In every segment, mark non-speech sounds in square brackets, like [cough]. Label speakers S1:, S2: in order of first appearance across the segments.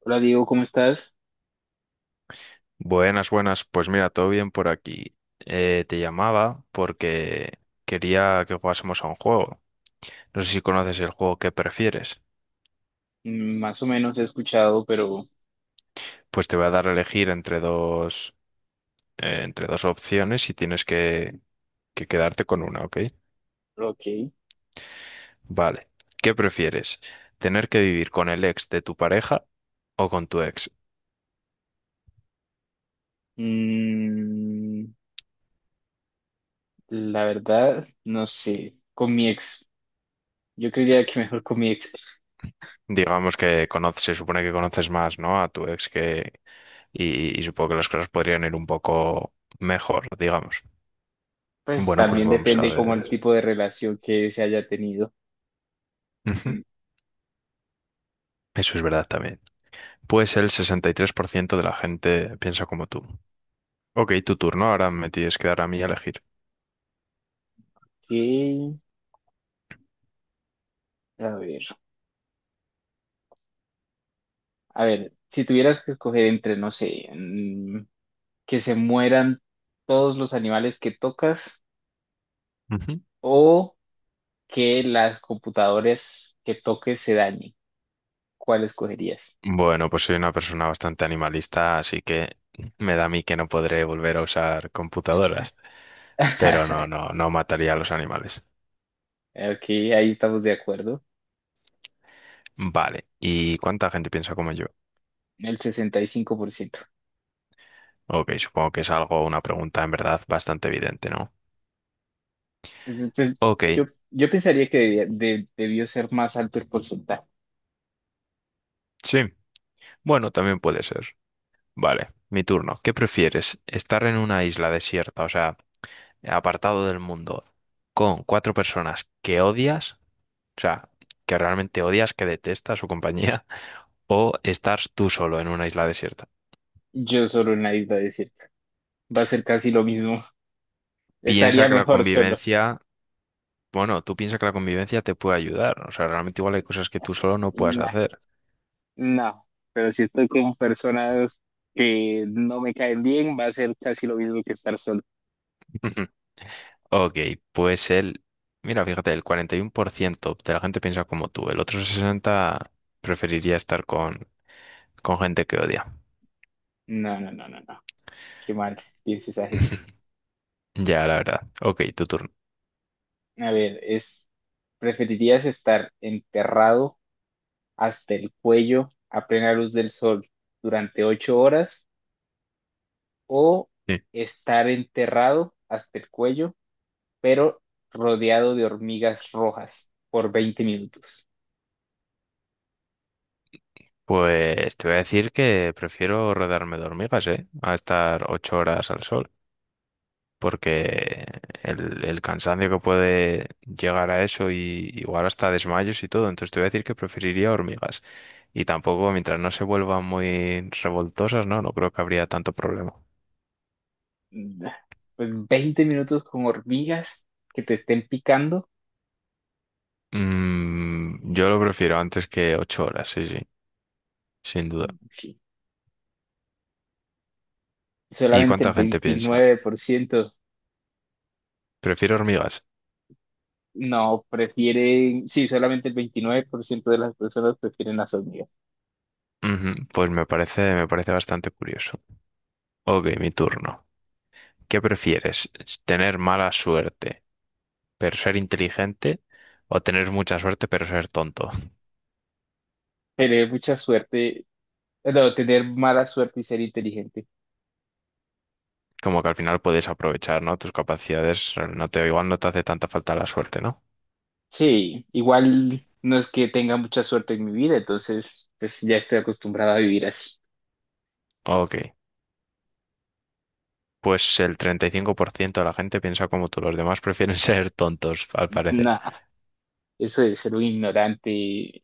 S1: Hola Diego, ¿cómo estás?
S2: Buenas, buenas. Pues mira, todo bien por aquí. Te llamaba porque quería que jugásemos a un juego. No sé si conoces el juego que prefieres.
S1: Más o menos he escuchado, pero
S2: Pues te voy a dar a elegir entre dos opciones y que quedarte con una, ¿ok?
S1: pero ok.
S2: Vale. ¿Qué prefieres? ¿Tener que vivir con el ex de tu pareja o con tu ex?
S1: Mm, la verdad, no sé. Con mi ex, yo creería que mejor con mi ex. [laughs]
S2: Digamos que conoces, se supone que conoces más, ¿no? A tu ex y supongo que las cosas podrían ir un poco mejor, digamos.
S1: Pues
S2: Bueno, pues
S1: también
S2: vamos a
S1: depende como
S2: ver.
S1: el tipo de relación que se haya tenido.
S2: Ujú. Eso es verdad también. Pues el 63% de la gente piensa como tú. Ok, tu turno. Ahora me tienes que dar a mí a elegir.
S1: Ok, a ver. A ver, si tuvieras que escoger entre, no sé, que se mueran todos los animales que tocas
S2: Ujú.
S1: o que las computadoras que toques se dañen, ¿cuál escogerías?
S2: Bueno, pues soy una persona bastante animalista, así que me da a mí que no podré volver a usar computadoras. Pero no,
S1: [laughs]
S2: no, no mataría a los animales.
S1: Ok, ahí estamos de acuerdo.
S2: Vale. ¿Y cuánta gente piensa como yo?
S1: El 65%.
S2: Ok, supongo que es algo, una pregunta en verdad bastante evidente, ¿no?
S1: Pues,
S2: Ok,
S1: yo pensaría que debió ser más alto el porcentaje.
S2: sí. Bueno, también puede ser. Vale, mi turno. ¿Qué prefieres? ¿Estar en una isla desierta, o sea, apartado del mundo, con cuatro personas que odias, o sea, que realmente odias, que detestas su compañía, [laughs] o estar tú solo en una isla desierta?
S1: Yo solo en la isla desierta. Va a ser casi lo mismo. [laughs]
S2: Piensa
S1: Estaría
S2: que la
S1: mejor solo.
S2: convivencia, bueno, tú piensa que la convivencia te puede ayudar, o sea, realmente igual hay cosas que tú solo no puedes
S1: Nah,
S2: hacer.
S1: no, pero si estoy con personas que no me caen bien, va a ser casi lo mismo que estar solo.
S2: [laughs] Ok, pues el, mira, fíjate, el 41% de la gente piensa como tú, el otro 60% preferiría estar con gente que odia.
S1: No, no, no, no, no. Qué mal piensa esa gente.
S2: [laughs] Ya, la verdad. Ok, tu turno.
S1: A ver, ¿preferirías estar enterrado hasta el cuello a plena luz del sol durante 8 horas, o
S2: Sí.
S1: estar enterrado hasta el cuello, pero rodeado de hormigas rojas por 20 minutos?
S2: Pues te voy a decir que prefiero rodearme de hormigas, ¿eh? A estar 8 horas al sol, porque el cansancio que puede llegar a eso y igual hasta desmayos y todo, entonces te voy a decir que preferiría hormigas. Y tampoco, mientras no se vuelvan muy revoltosas, no, no creo que habría tanto problema.
S1: Pues 20 minutos con hormigas que te estén picando,
S2: Yo lo prefiero antes que 8 horas, sí, sí, sin duda.
S1: sí,
S2: ¿Y
S1: solamente el
S2: cuánta gente piensa?
S1: 29%.
S2: Prefiero hormigas.
S1: No, prefieren, sí, solamente el 29% de las personas prefieren las hormigas.
S2: Ujú. Pues me parece bastante curioso. Ok, mi turno. ¿Qué prefieres? ¿Tener mala suerte, pero ser inteligente? ¿O tener mucha suerte, pero ser tonto?
S1: Tener mucha suerte, no, tener mala suerte y ser inteligente.
S2: Como que al final puedes aprovechar, ¿no? Tus capacidades, igual no te hace tanta falta la suerte, ¿no?
S1: Sí, igual no es que tenga mucha suerte en mi vida, entonces pues ya estoy acostumbrado a vivir así.
S2: Ok. Pues el 35% de la gente piensa como tú, los demás prefieren [laughs] ser tontos, al parecer.
S1: Nada, eso de ser un ignorante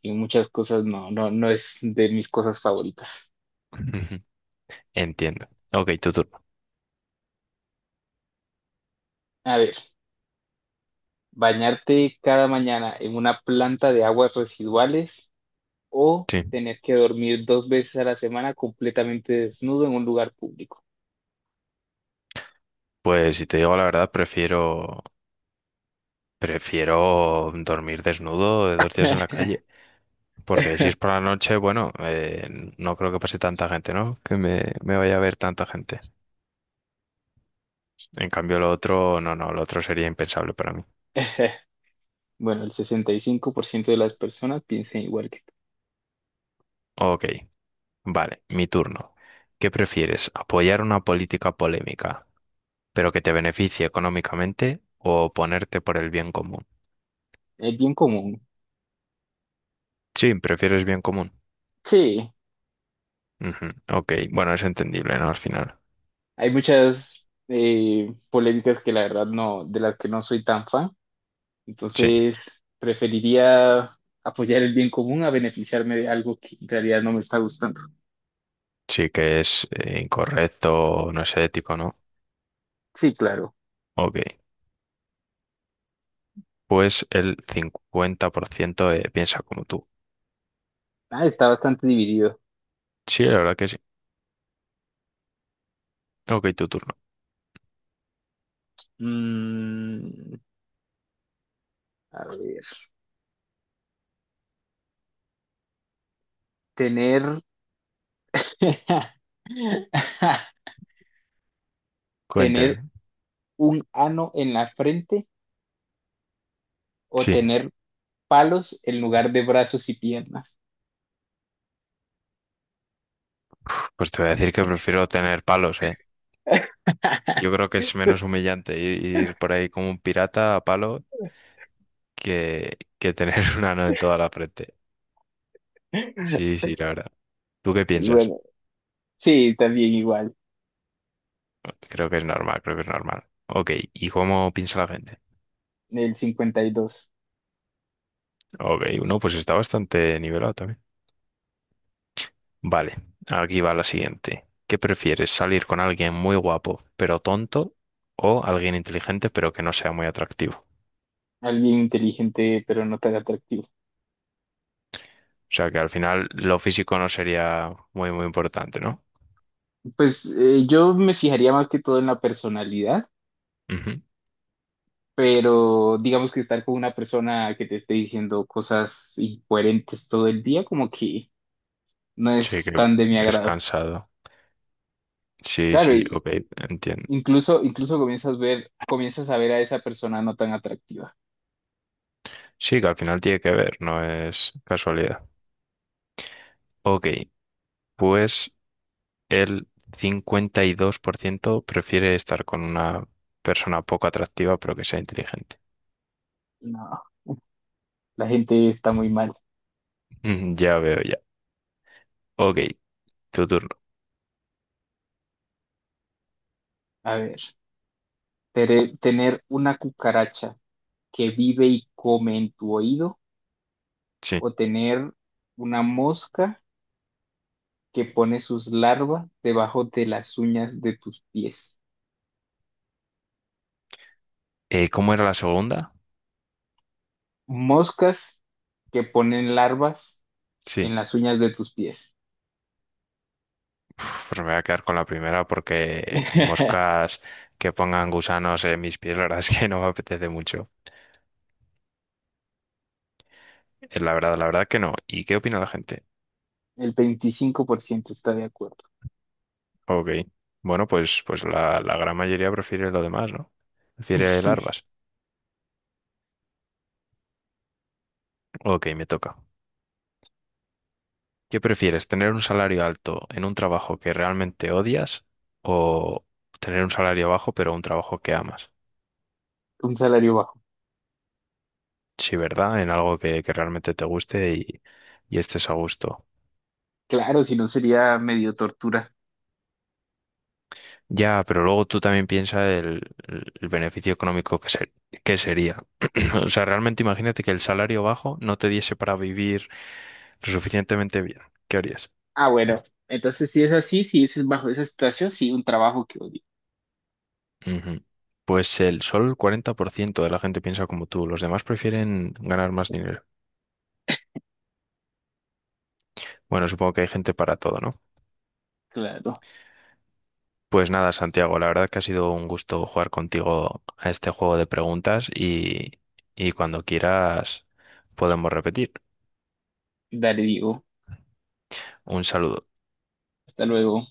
S1: en muchas cosas no, no, no es de mis cosas favoritas.
S2: [laughs] Entiendo. Ok, tu turno.
S1: A ver, bañarte cada mañana en una planta de aguas residuales o
S2: Sí.
S1: tener que dormir 2 veces a la semana completamente desnudo en un lugar público.
S2: Pues si te digo la verdad, prefiero. Prefiero dormir desnudo de dos días en la calle.
S1: [laughs]
S2: Porque si es por la noche, bueno, no creo que pase tanta gente, ¿no? Me vaya a ver tanta gente. En cambio, lo otro, no, no, lo otro sería impensable para mí.
S1: Bueno, el 65% de las personas piensan igual que tú.
S2: Ok, vale, mi turno. ¿Qué prefieres? ¿Apoyar una política polémica, pero que te beneficie económicamente, o ponerte por el bien común?
S1: Es bien común.
S2: Sí, prefieres bien común.
S1: Sí.
S2: Ujú. Ok, bueno, es entendible, ¿no? Al final.
S1: Hay muchas polémicas que la verdad no, de las que no soy tan fan.
S2: Sí,
S1: Entonces, preferiría apoyar el bien común a beneficiarme de algo que en realidad no me está gustando.
S2: sí que es incorrecto, no es ético, ¿no?
S1: Sí, claro.
S2: Ok, pues el 50% piensa como tú.
S1: Ah, está bastante dividido.
S2: Sí, la verdad que sí. Ok, tu turno.
S1: Mm, a ver, tener, [laughs] tener
S2: Cuénteme.
S1: un ano en la frente o
S2: Sí.
S1: tener palos en lugar de brazos y piernas.
S2: Uf, pues te voy a decir que prefiero tener palos, ¿eh? Yo
S1: [laughs]
S2: creo que es menos humillante ir por ahí como un pirata a palo que tener [laughs] una ano en toda la frente. Sí, sí, la verdad. ¿Tú qué piensas?
S1: Bueno, sí, también igual.
S2: Creo que es normal, creo que es normal. Ok, ¿y cómo piensa la gente?
S1: El 52.
S2: Ok, uno, pues está bastante nivelado también. Vale, aquí va la siguiente. ¿Qué prefieres, salir con alguien muy guapo pero tonto o alguien inteligente pero que no sea muy atractivo?
S1: Alguien inteligente, pero no tan atractivo.
S2: O sea que al final lo físico no sería muy, muy importante, ¿no?
S1: Pues yo me fijaría más que todo en la personalidad,
S2: Ujú.
S1: pero digamos que estar con una persona que te esté diciendo cosas incoherentes todo el día, como que no
S2: Sí,
S1: es
S2: que
S1: tan de mi
S2: es
S1: agrado.
S2: cansado. Sí,
S1: Claro,
S2: sí,
S1: y
S2: ok, entiendo.
S1: incluso comienzas a ver a esa persona no tan atractiva.
S2: Sí, que al final tiene que ver, no es casualidad. Ok, pues el 52% prefiere estar con una persona poco atractiva pero que sea inteligente.
S1: No, la gente está muy mal.
S2: Mm, ya veo, ya. Ok, tu turno.
S1: A ver, tener una cucaracha que vive y come en tu oído
S2: Sí.
S1: o tener una mosca que pone sus larvas debajo de las uñas de tus pies.
S2: ¿Cómo era la segunda?
S1: Moscas que ponen larvas
S2: Sí.
S1: en las uñas de tus pies.
S2: Uf, pues me voy a quedar con la primera porque
S1: [laughs]
S2: moscas que pongan gusanos en mis pies, la verdad es que no me apetece mucho. La verdad que no. ¿Y qué opina la gente?
S1: El 25% está de acuerdo.
S2: Ok. Bueno, pues la gran mayoría prefiere lo demás, ¿no? Prefiere
S1: [laughs]
S2: larvas. Ok, me toca. ¿Qué prefieres? ¿Tener un salario alto en un trabajo que realmente odias o tener un salario bajo pero un trabajo que amas?
S1: Un salario bajo.
S2: Sí, ¿verdad? En algo que realmente te guste y estés a gusto.
S1: Claro, si no sería medio tortura.
S2: Ya, pero luego tú también piensas el beneficio económico que sería. [clears throat] O sea, realmente imagínate que el salario bajo no te diese para vivir lo suficientemente bien. ¿Qué harías?
S1: Ah, bueno, entonces si es así, si es bajo esa situación, sí, un trabajo que odio.
S2: Ujú. Pues el solo el 40% de la gente piensa como tú, los demás prefieren ganar más dinero. Bueno, supongo que hay gente para todo, ¿no?
S1: Claro.
S2: Pues nada, Santiago, la verdad que ha sido un gusto jugar contigo a este juego de preguntas y cuando quieras podemos repetir.
S1: Dale, digo.
S2: Un saludo.
S1: Hasta luego.